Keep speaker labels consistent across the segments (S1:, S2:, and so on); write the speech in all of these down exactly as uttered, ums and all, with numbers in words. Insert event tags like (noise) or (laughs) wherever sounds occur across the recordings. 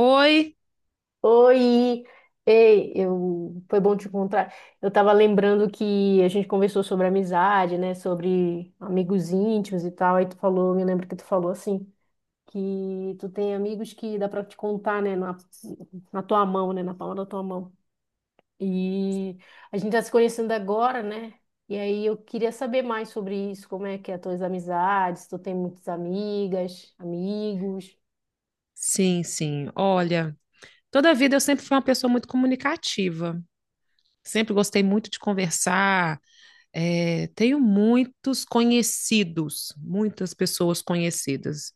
S1: Oi?
S2: Oi! Ei, eu... foi bom te encontrar. Eu tava lembrando que a gente conversou sobre amizade, né? Sobre amigos íntimos e tal. Aí tu falou, me lembro que tu falou assim, que tu tem amigos que dá pra te contar, né? Na, na tua mão, né? Na palma da tua mão. E a gente tá se conhecendo agora, né? E aí eu queria saber mais sobre isso, como é que é as tuas amizades, se tu tem muitas amigas, amigos.
S1: Sim, sim. Olha, toda a vida eu sempre fui uma pessoa muito comunicativa. Sempre gostei muito de conversar. Eh, tenho muitos conhecidos, muitas pessoas conhecidas.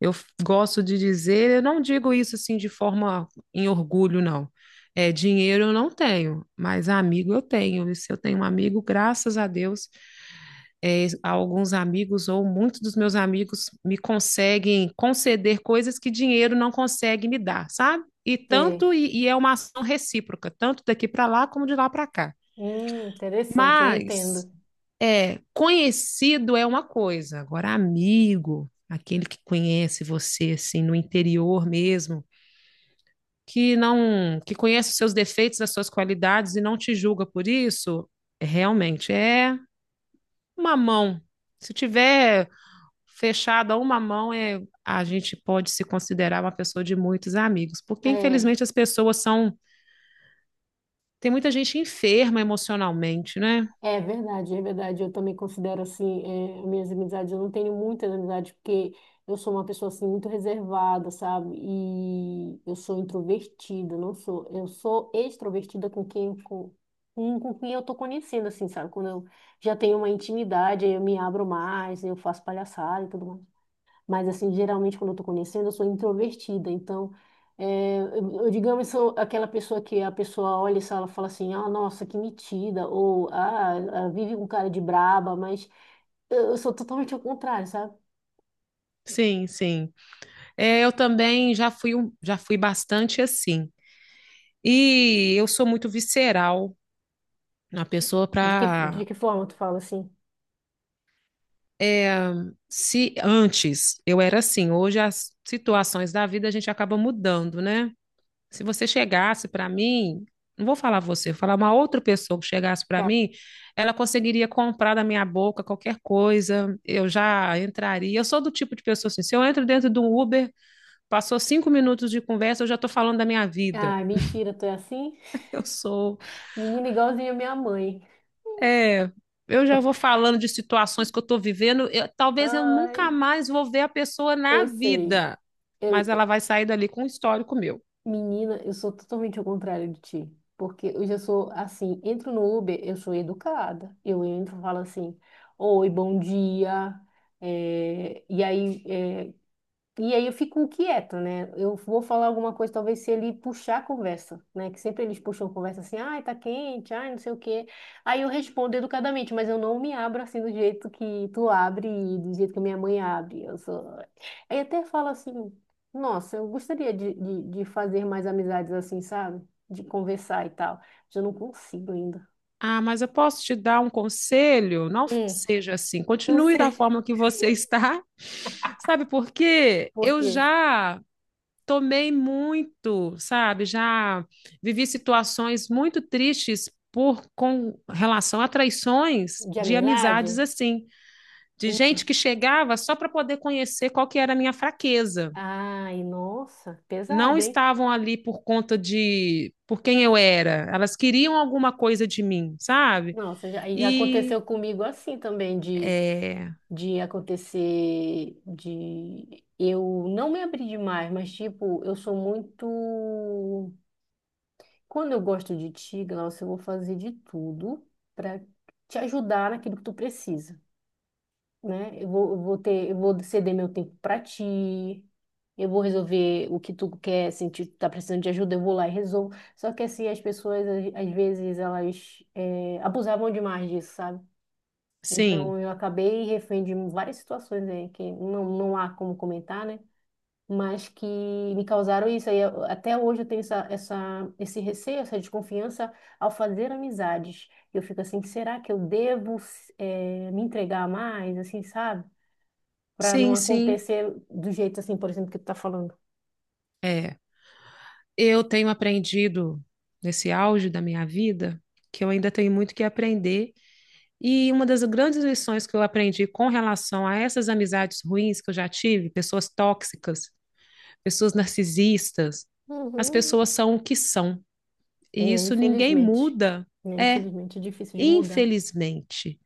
S1: Eu f- gosto de dizer, eu não digo isso assim de forma em orgulho, não. É, dinheiro eu não tenho, mas amigo eu tenho. E se eu tenho um amigo, graças a Deus, é, alguns amigos ou muitos dos meus amigos me conseguem conceder coisas que dinheiro não consegue me dar, sabe? E
S2: Sei.
S1: tanto e, e é uma ação recíproca, tanto daqui para lá como de lá para cá.
S2: Hum, interessante, eu
S1: Mas
S2: entendo.
S1: é, conhecido é uma coisa, agora amigo, aquele que conhece você assim no interior mesmo, que não que conhece os seus defeitos, as suas qualidades e não te julga por isso, realmente é uma mão. Se tiver fechado a uma mão, é, a gente pode se considerar uma pessoa de muitos amigos, porque
S2: É.
S1: infelizmente as pessoas são. Tem muita gente enferma emocionalmente, né?
S2: É verdade, é verdade. Eu também considero assim, eh, minhas amizades. Eu não tenho muitas amizades porque eu sou uma pessoa assim muito reservada, sabe? E eu sou introvertida, não sou. Eu sou extrovertida com quem com, com com quem eu tô conhecendo, assim, sabe? Quando eu já tenho uma intimidade, aí eu me abro mais, eu faço palhaçada e tudo mais. Mas, assim, geralmente quando eu tô conhecendo, eu sou introvertida. Então, é, eu, eu, digamos, sou aquela pessoa que a pessoa olha e fala fala assim, ah, nossa, que metida. Ou, ah, ah, vive com cara de braba. Mas eu, eu sou totalmente ao contrário, sabe?
S1: Sim, sim. É, eu também já fui, um- já fui bastante assim. E eu sou muito visceral na pessoa
S2: De que, de
S1: para.
S2: que forma tu fala assim?
S1: Se antes eu era assim, hoje as situações da vida a gente acaba mudando, né? Se você chegasse para mim, não vou falar você, vou falar uma outra pessoa que chegasse para
S2: Tá.
S1: mim, ela conseguiria comprar da minha boca qualquer coisa, eu já entraria. Eu sou do tipo de pessoa assim, se eu entro dentro de um Uber, passou cinco minutos de conversa, eu já estou falando da minha vida.
S2: Ai,
S1: (laughs)
S2: mentira, tu é assim?
S1: Eu sou,
S2: Menina igualzinha a minha mãe.
S1: é, eu já vou falando de situações que eu estou vivendo, eu- talvez eu nunca
S2: Ai,
S1: mais vou ver a pessoa na
S2: eu sei.
S1: vida, mas
S2: Eu
S1: ela vai sair dali com um histórico meu.
S2: Menina, eu sou totalmente ao contrário de ti. Porque eu já sou assim, entro no Uber, eu sou educada. Eu entro, falo assim, oi, bom dia. eh, e aí, eh, e aí eu fico inquieta, né? Eu vou falar alguma coisa, talvez se ele puxar a conversa, né? Que sempre eles puxam a conversa assim, ai, tá quente, ai, não sei o quê. Aí eu respondo educadamente, mas eu não me abro assim do jeito que tu abre e do jeito que minha mãe abre. Eu sou... Aí até falo assim, nossa, eu gostaria de, de, de fazer mais amizades assim, sabe? De conversar e tal. Mas eu não consigo ainda.
S1: Ah, mas eu posso te dar um conselho? Não
S2: Hum,
S1: seja assim.
S2: não
S1: Continue da
S2: sei.
S1: forma que você está. (laughs) Sabe por quê?
S2: Por
S1: Eu
S2: quê?
S1: já tomei muito, sabe? Já vivi situações muito tristes por com relação a traições
S2: De
S1: de amizades
S2: amizade?
S1: assim, de gente
S2: Hum.
S1: que chegava só para poder conhecer qual que era a minha fraqueza.
S2: Ai, nossa,
S1: Não
S2: pesado, hein?
S1: estavam ali por conta de por quem eu era. Elas queriam alguma coisa de mim, sabe?
S2: Nossa, já- aí já
S1: E
S2: aconteceu comigo assim também, de,
S1: é,
S2: de acontecer, de eu não me abrir demais, mas tipo, eu sou muito. Quando eu gosto de ti, Glaucio, eu vou fazer de tudo para te ajudar naquilo que tu precisa, né? Eu vou, eu vou ter, eu vou ceder meu tempo para ti, eu vou resolver o que tu quer, se tu tá precisando de ajuda, eu vou lá e resolvo. Só que assim, as pessoas, às às vezes, elas eh, abusavam demais disso, sabe?
S1: sim,
S2: Então, eu acabei refém de várias situações aí que não, não há como comentar, né? Mas que me causaram isso. Aí, eu- até hoje eu tenho essa, essa, esse receio, essa desconfiança ao fazer amizades. Eu fico assim, será que eu devo eh, me entregar mais, assim, sabe? Para não
S1: sim, sim.
S2: acontecer do jeito assim, por exemplo, que tu tá falando.
S1: É, eu tenho aprendido nesse auge da minha vida que eu ainda tenho muito que aprender. E uma das grandes lições que eu aprendi com relação a essas amizades ruins que eu já tive, pessoas tóxicas, pessoas narcisistas, as
S2: Uhum.
S1: pessoas são o que são.
S2: É,
S1: E isso ninguém
S2: infelizmente.
S1: muda.
S2: É,
S1: É,
S2: infelizmente é difícil de mudar.
S1: infelizmente.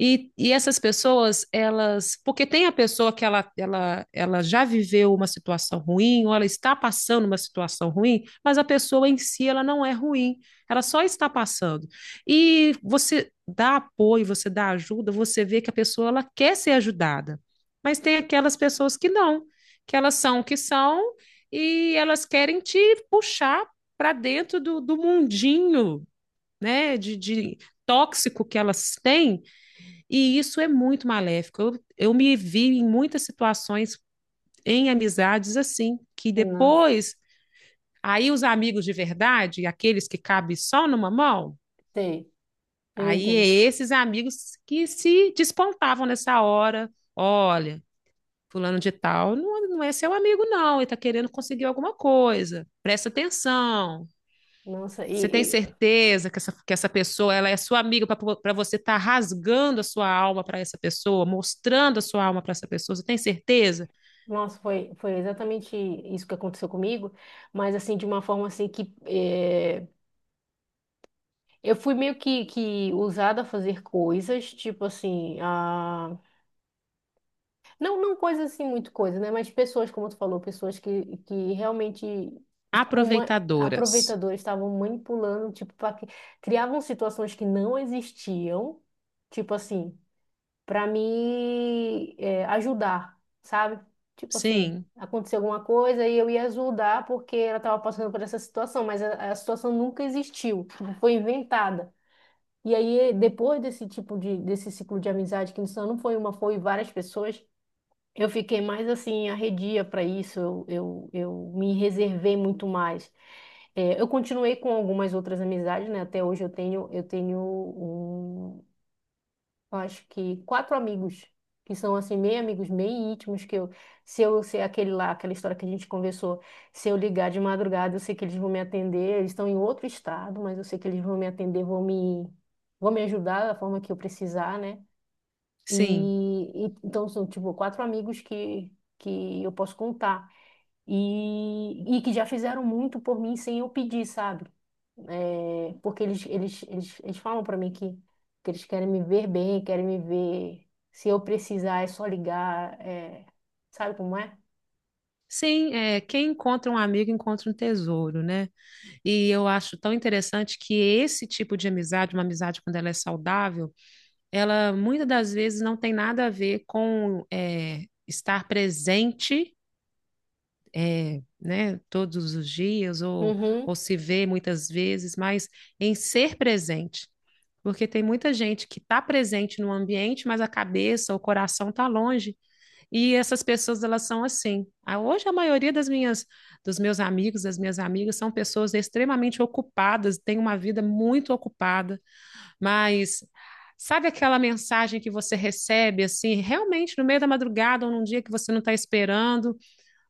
S1: E, e essas pessoas, elas, porque tem a pessoa que ela, ela, ela já viveu uma situação ruim, ou ela está passando uma situação ruim, mas a pessoa em si, ela não é ruim, ela só está passando. E você dá apoio, você dá ajuda, você vê que a pessoa, ela quer ser ajudada, mas tem aquelas pessoas que não, que elas são o que são, e elas querem te puxar para dentro do, do mundinho, né, de, de tóxico que elas têm, e isso é muito maléfico. Eu, eu me vi em muitas situações em amizades assim, que
S2: Nossa,
S1: depois, aí os amigos de verdade, aqueles que cabem só numa mão,
S2: sei. Eu
S1: aí é
S2: entendo.
S1: esses amigos que se despontavam nessa hora. Olha, fulano de tal não, não é seu amigo, não, ele está querendo conseguir alguma coisa. Presta atenção.
S2: Nossa,
S1: Você tem
S2: e,
S1: certeza que essa, que essa pessoa ela é sua amiga para você estar rasgando a sua alma para essa pessoa, mostrando a sua alma para essa pessoa? Você tem certeza?
S2: Nossa, foi, foi exatamente isso que aconteceu comigo, mas assim, de uma forma assim que eh, eu fui meio que, que usada a fazer coisas, tipo assim, a... não, não coisas assim, muito coisa, né? Mas pessoas, como tu falou, pessoas que, que realmente estavam ma-
S1: Aproveitadoras.
S2: aproveitadoras, estavam manipulando, tipo, pra... que- criavam situações que não existiam, tipo assim. Para me eh, ajudar, sabe? Tipo assim,
S1: Sim,
S2: aconteceu alguma coisa e eu ia ajudar porque ela estava passando por essa situação, mas a, a situação nunca existiu, tipo, foi inventada. E aí, depois desse tipo de, desse ciclo de amizade, que não foi uma, foi várias pessoas, eu fiquei mais assim, arredia para isso, eu, eu, eu me reservei muito mais. Eh, eu continuei com algumas outras amizades, né? Até hoje eu tenho, eu tenho um eu acho que quatro amigos, que são assim, meio amigos, meio íntimos, que eu, se eu sei aquele lá, aquela história que a gente conversou, se eu ligar de madrugada, eu sei que eles vão me atender, eles estão em outro estado, mas eu sei que eles vão me atender, vão me, vão me ajudar da forma que eu precisar, né?
S1: sim.
S2: E, e então são tipo quatro amigos que, que eu posso contar e, e que já fizeram muito por mim sem eu pedir, sabe? É, porque eles, eles, eles, eles falam para mim que, que eles querem me ver bem, querem me ver. Se eu precisar, é só ligar. É, sabe como é?
S1: Sim, é, quem encontra um amigo encontra um tesouro, né? E eu acho tão interessante que esse tipo de amizade, uma amizade quando ela é saudável, ela muitas das vezes não tem nada a ver com é, estar presente é, né, todos os dias ou,
S2: Uhum,
S1: ou se vê muitas vezes, mas em ser presente. Porque tem muita gente que está presente no ambiente, mas a cabeça, o coração está longe. E essas pessoas, elas são assim. A- Hoje, a maioria das minhas, dos meus amigos, das minhas amigas, são pessoas extremamente ocupadas, têm uma vida muito ocupada. Mas sabe aquela mensagem que você recebe, assim, realmente no meio da madrugada ou num dia que você não está esperando?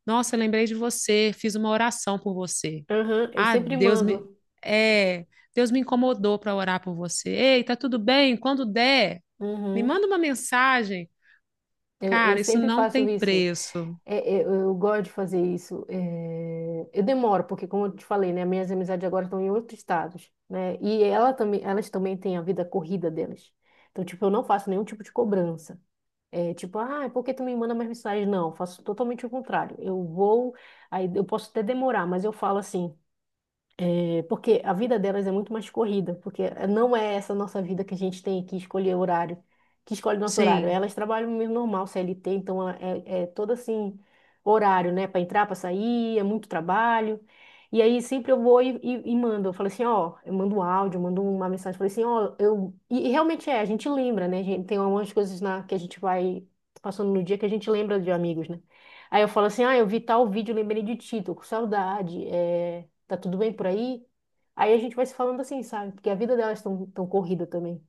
S1: Nossa, eu lembrei de você, fiz uma oração por você.
S2: uhum, eu
S1: Ah,
S2: sempre
S1: Deus me
S2: mando.
S1: é, Deus me incomodou para orar por você. Ei, tá tudo bem? Quando der, me
S2: Uhum.
S1: manda uma mensagem.
S2: Eu, eu
S1: Cara, isso
S2: sempre
S1: não
S2: faço
S1: tem
S2: isso.
S1: preço.
S2: É, é, eu, eu gosto de fazer isso. É, eu demoro, porque como eu te falei, né, minhas amizades agora estão em outros estados, né? E ela também, elas também têm a vida corrida delas. Então, tipo, eu não faço nenhum tipo de cobrança. É, tipo, ah, por que tu me manda mais mensagens. Não, eu faço totalmente o contrário. Eu vou, aí eu posso até demorar, mas eu falo assim, é, porque a vida delas é muito mais corrida, porque não é essa nossa vida que a gente tem que escolher horário, que escolhe nosso horário.
S1: Sim,
S2: Elas trabalham mesmo normal, C L T, então ela- é, é todo assim, horário, né? Para entrar, para sair, é muito trabalho. E aí sempre eu vou e, e, e mando, eu falo assim, ó, eu mando um áudio, mando uma mensagem, falei assim, ó, eu... E, e realmente é, a gente lembra, né? A gente, tem algumas coisas na, que a gente vai passando no dia que a gente lembra de amigos, né? Aí eu falo assim, ah, eu vi tal vídeo, lembrei de ti, tô com saudade, é, tá tudo bem por aí? Aí a gente vai se falando assim, sabe? Porque a vida delas é tão, tão corrida também.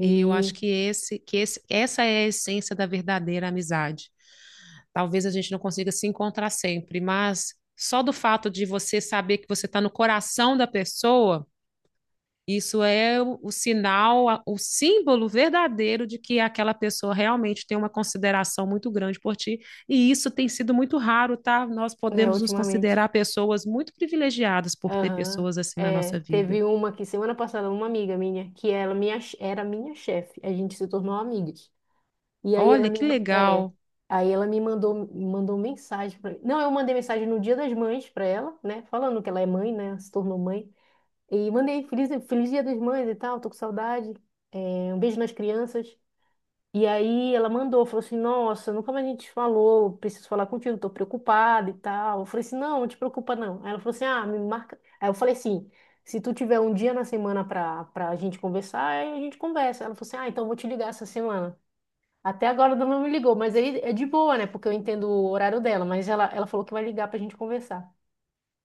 S1: e eu acho que esse, que esse, essa é a essência da verdadeira amizade. Talvez a gente não consiga se encontrar sempre, mas só do fato de você saber que você está no coração da pessoa. Isso é o, o sinal, a- o símbolo verdadeiro de que aquela pessoa realmente tem uma consideração muito grande por ti. E isso tem sido muito raro, tá? Nós
S2: né,
S1: podemos nos
S2: ultimamente.
S1: considerar pessoas muito privilegiadas por ter
S2: Aham.
S1: pessoas assim na
S2: É,
S1: nossa vida.
S2: teve uma que semana passada, uma amiga minha, que ela minha, era minha chefe. A gente se tornou amigas. E aí ela
S1: Olha,
S2: me,
S1: que
S2: ma- é,
S1: legal.
S2: aí ela me mandou, mandou mensagem pra, mim. Não, eu mandei mensagem no Dia das Mães pra ela, né? Falando que ela é mãe, né? Se tornou mãe. E mandei feliz, feliz Dia das Mães e tal, tô com saudade. É, um beijo nas crianças. E aí ela mandou, falou assim, nossa, nunca mais a gente falou, preciso falar contigo, tô preocupada e tal. Eu falei assim, não, não te preocupa não. Aí ela falou assim, ah, me marca. Aí eu falei assim, se tu tiver um dia na semana pra, pra gente conversar, aí a gente conversa. Ela falou assim, ah, então eu vou te ligar essa semana. Até agora ela não me ligou, mas aí é de boa, né? Porque eu entendo o horário dela, mas ela, ela falou que vai ligar pra gente conversar.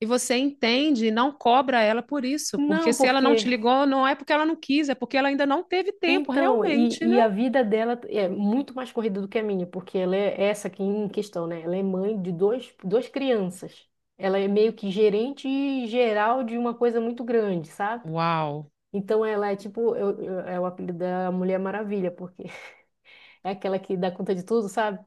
S1: E você entende e não cobra ela por isso, porque
S2: Não,
S1: se ela não te
S2: porque
S1: ligou, não é porque ela não quis, é porque ela ainda não teve tempo,
S2: então, e,
S1: realmente, né?
S2: e a vida dela é muito mais corrida do que a minha, porque ela é essa aqui em questão, né? Ela é mãe de dois, duas crianças. Ela é meio que gerente geral de uma coisa muito grande, sabe?
S1: Uau,
S2: Então ela é tipo, eu, eu- é o apelido da Mulher Maravilha, porque (laughs) é aquela que dá conta de tudo, sabe?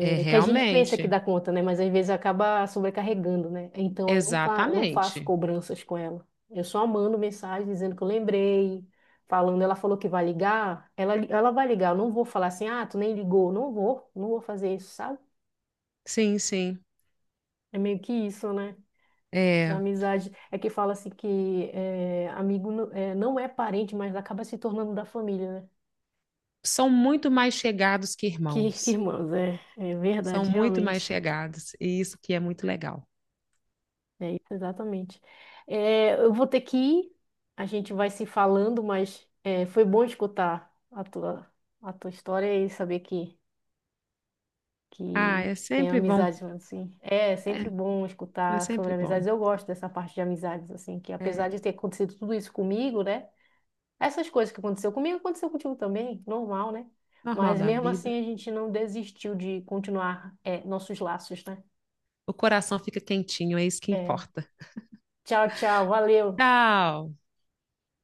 S1: é
S2: É que a gente pensa que
S1: realmente.
S2: dá conta, né? Mas às vezes acaba sobrecarregando, né? Então eu não, fa não faço
S1: Exatamente.
S2: cobranças com ela. Eu só mando mensagem dizendo que eu lembrei, falando, ela falou que vai ligar, ela, li- ela vai ligar. Eu não vou falar assim, ah, tu nem ligou. Não vou, não vou fazer isso, sabe?
S1: Sim, sim.
S2: É meio que isso, né? Essa
S1: É.
S2: amizade é que fala assim que é, amigo não é, não é parente, mas acaba se tornando da família, né?
S1: São muito mais chegados que
S2: Que, que
S1: irmãos.
S2: irmãos, é, é
S1: São
S2: verdade,
S1: muito mais
S2: realmente.
S1: chegados. E isso que é muito legal.
S2: É isso, exatamente. É, eu vou ter que ir, a gente vai se falando, mas é, foi bom escutar a tua, a tua história e saber que,
S1: Ah,
S2: que
S1: é
S2: tem
S1: sempre bom.
S2: amizades, assim. É
S1: É,
S2: sempre bom
S1: é
S2: escutar
S1: sempre
S2: sobre
S1: bom.
S2: amizades. Eu gosto dessa parte de amizades, assim, que
S1: É
S2: apesar de ter acontecido tudo isso comigo, né? Essas coisas que aconteceu comigo, aconteceu contigo também, normal, né?
S1: normal
S2: Mas
S1: da
S2: mesmo
S1: vida.
S2: assim a gente não desistiu de continuar é, nossos laços, né?
S1: O coração fica quentinho, é isso que
S2: É,
S1: importa.
S2: tchau, tchau, valeu.
S1: Tchau!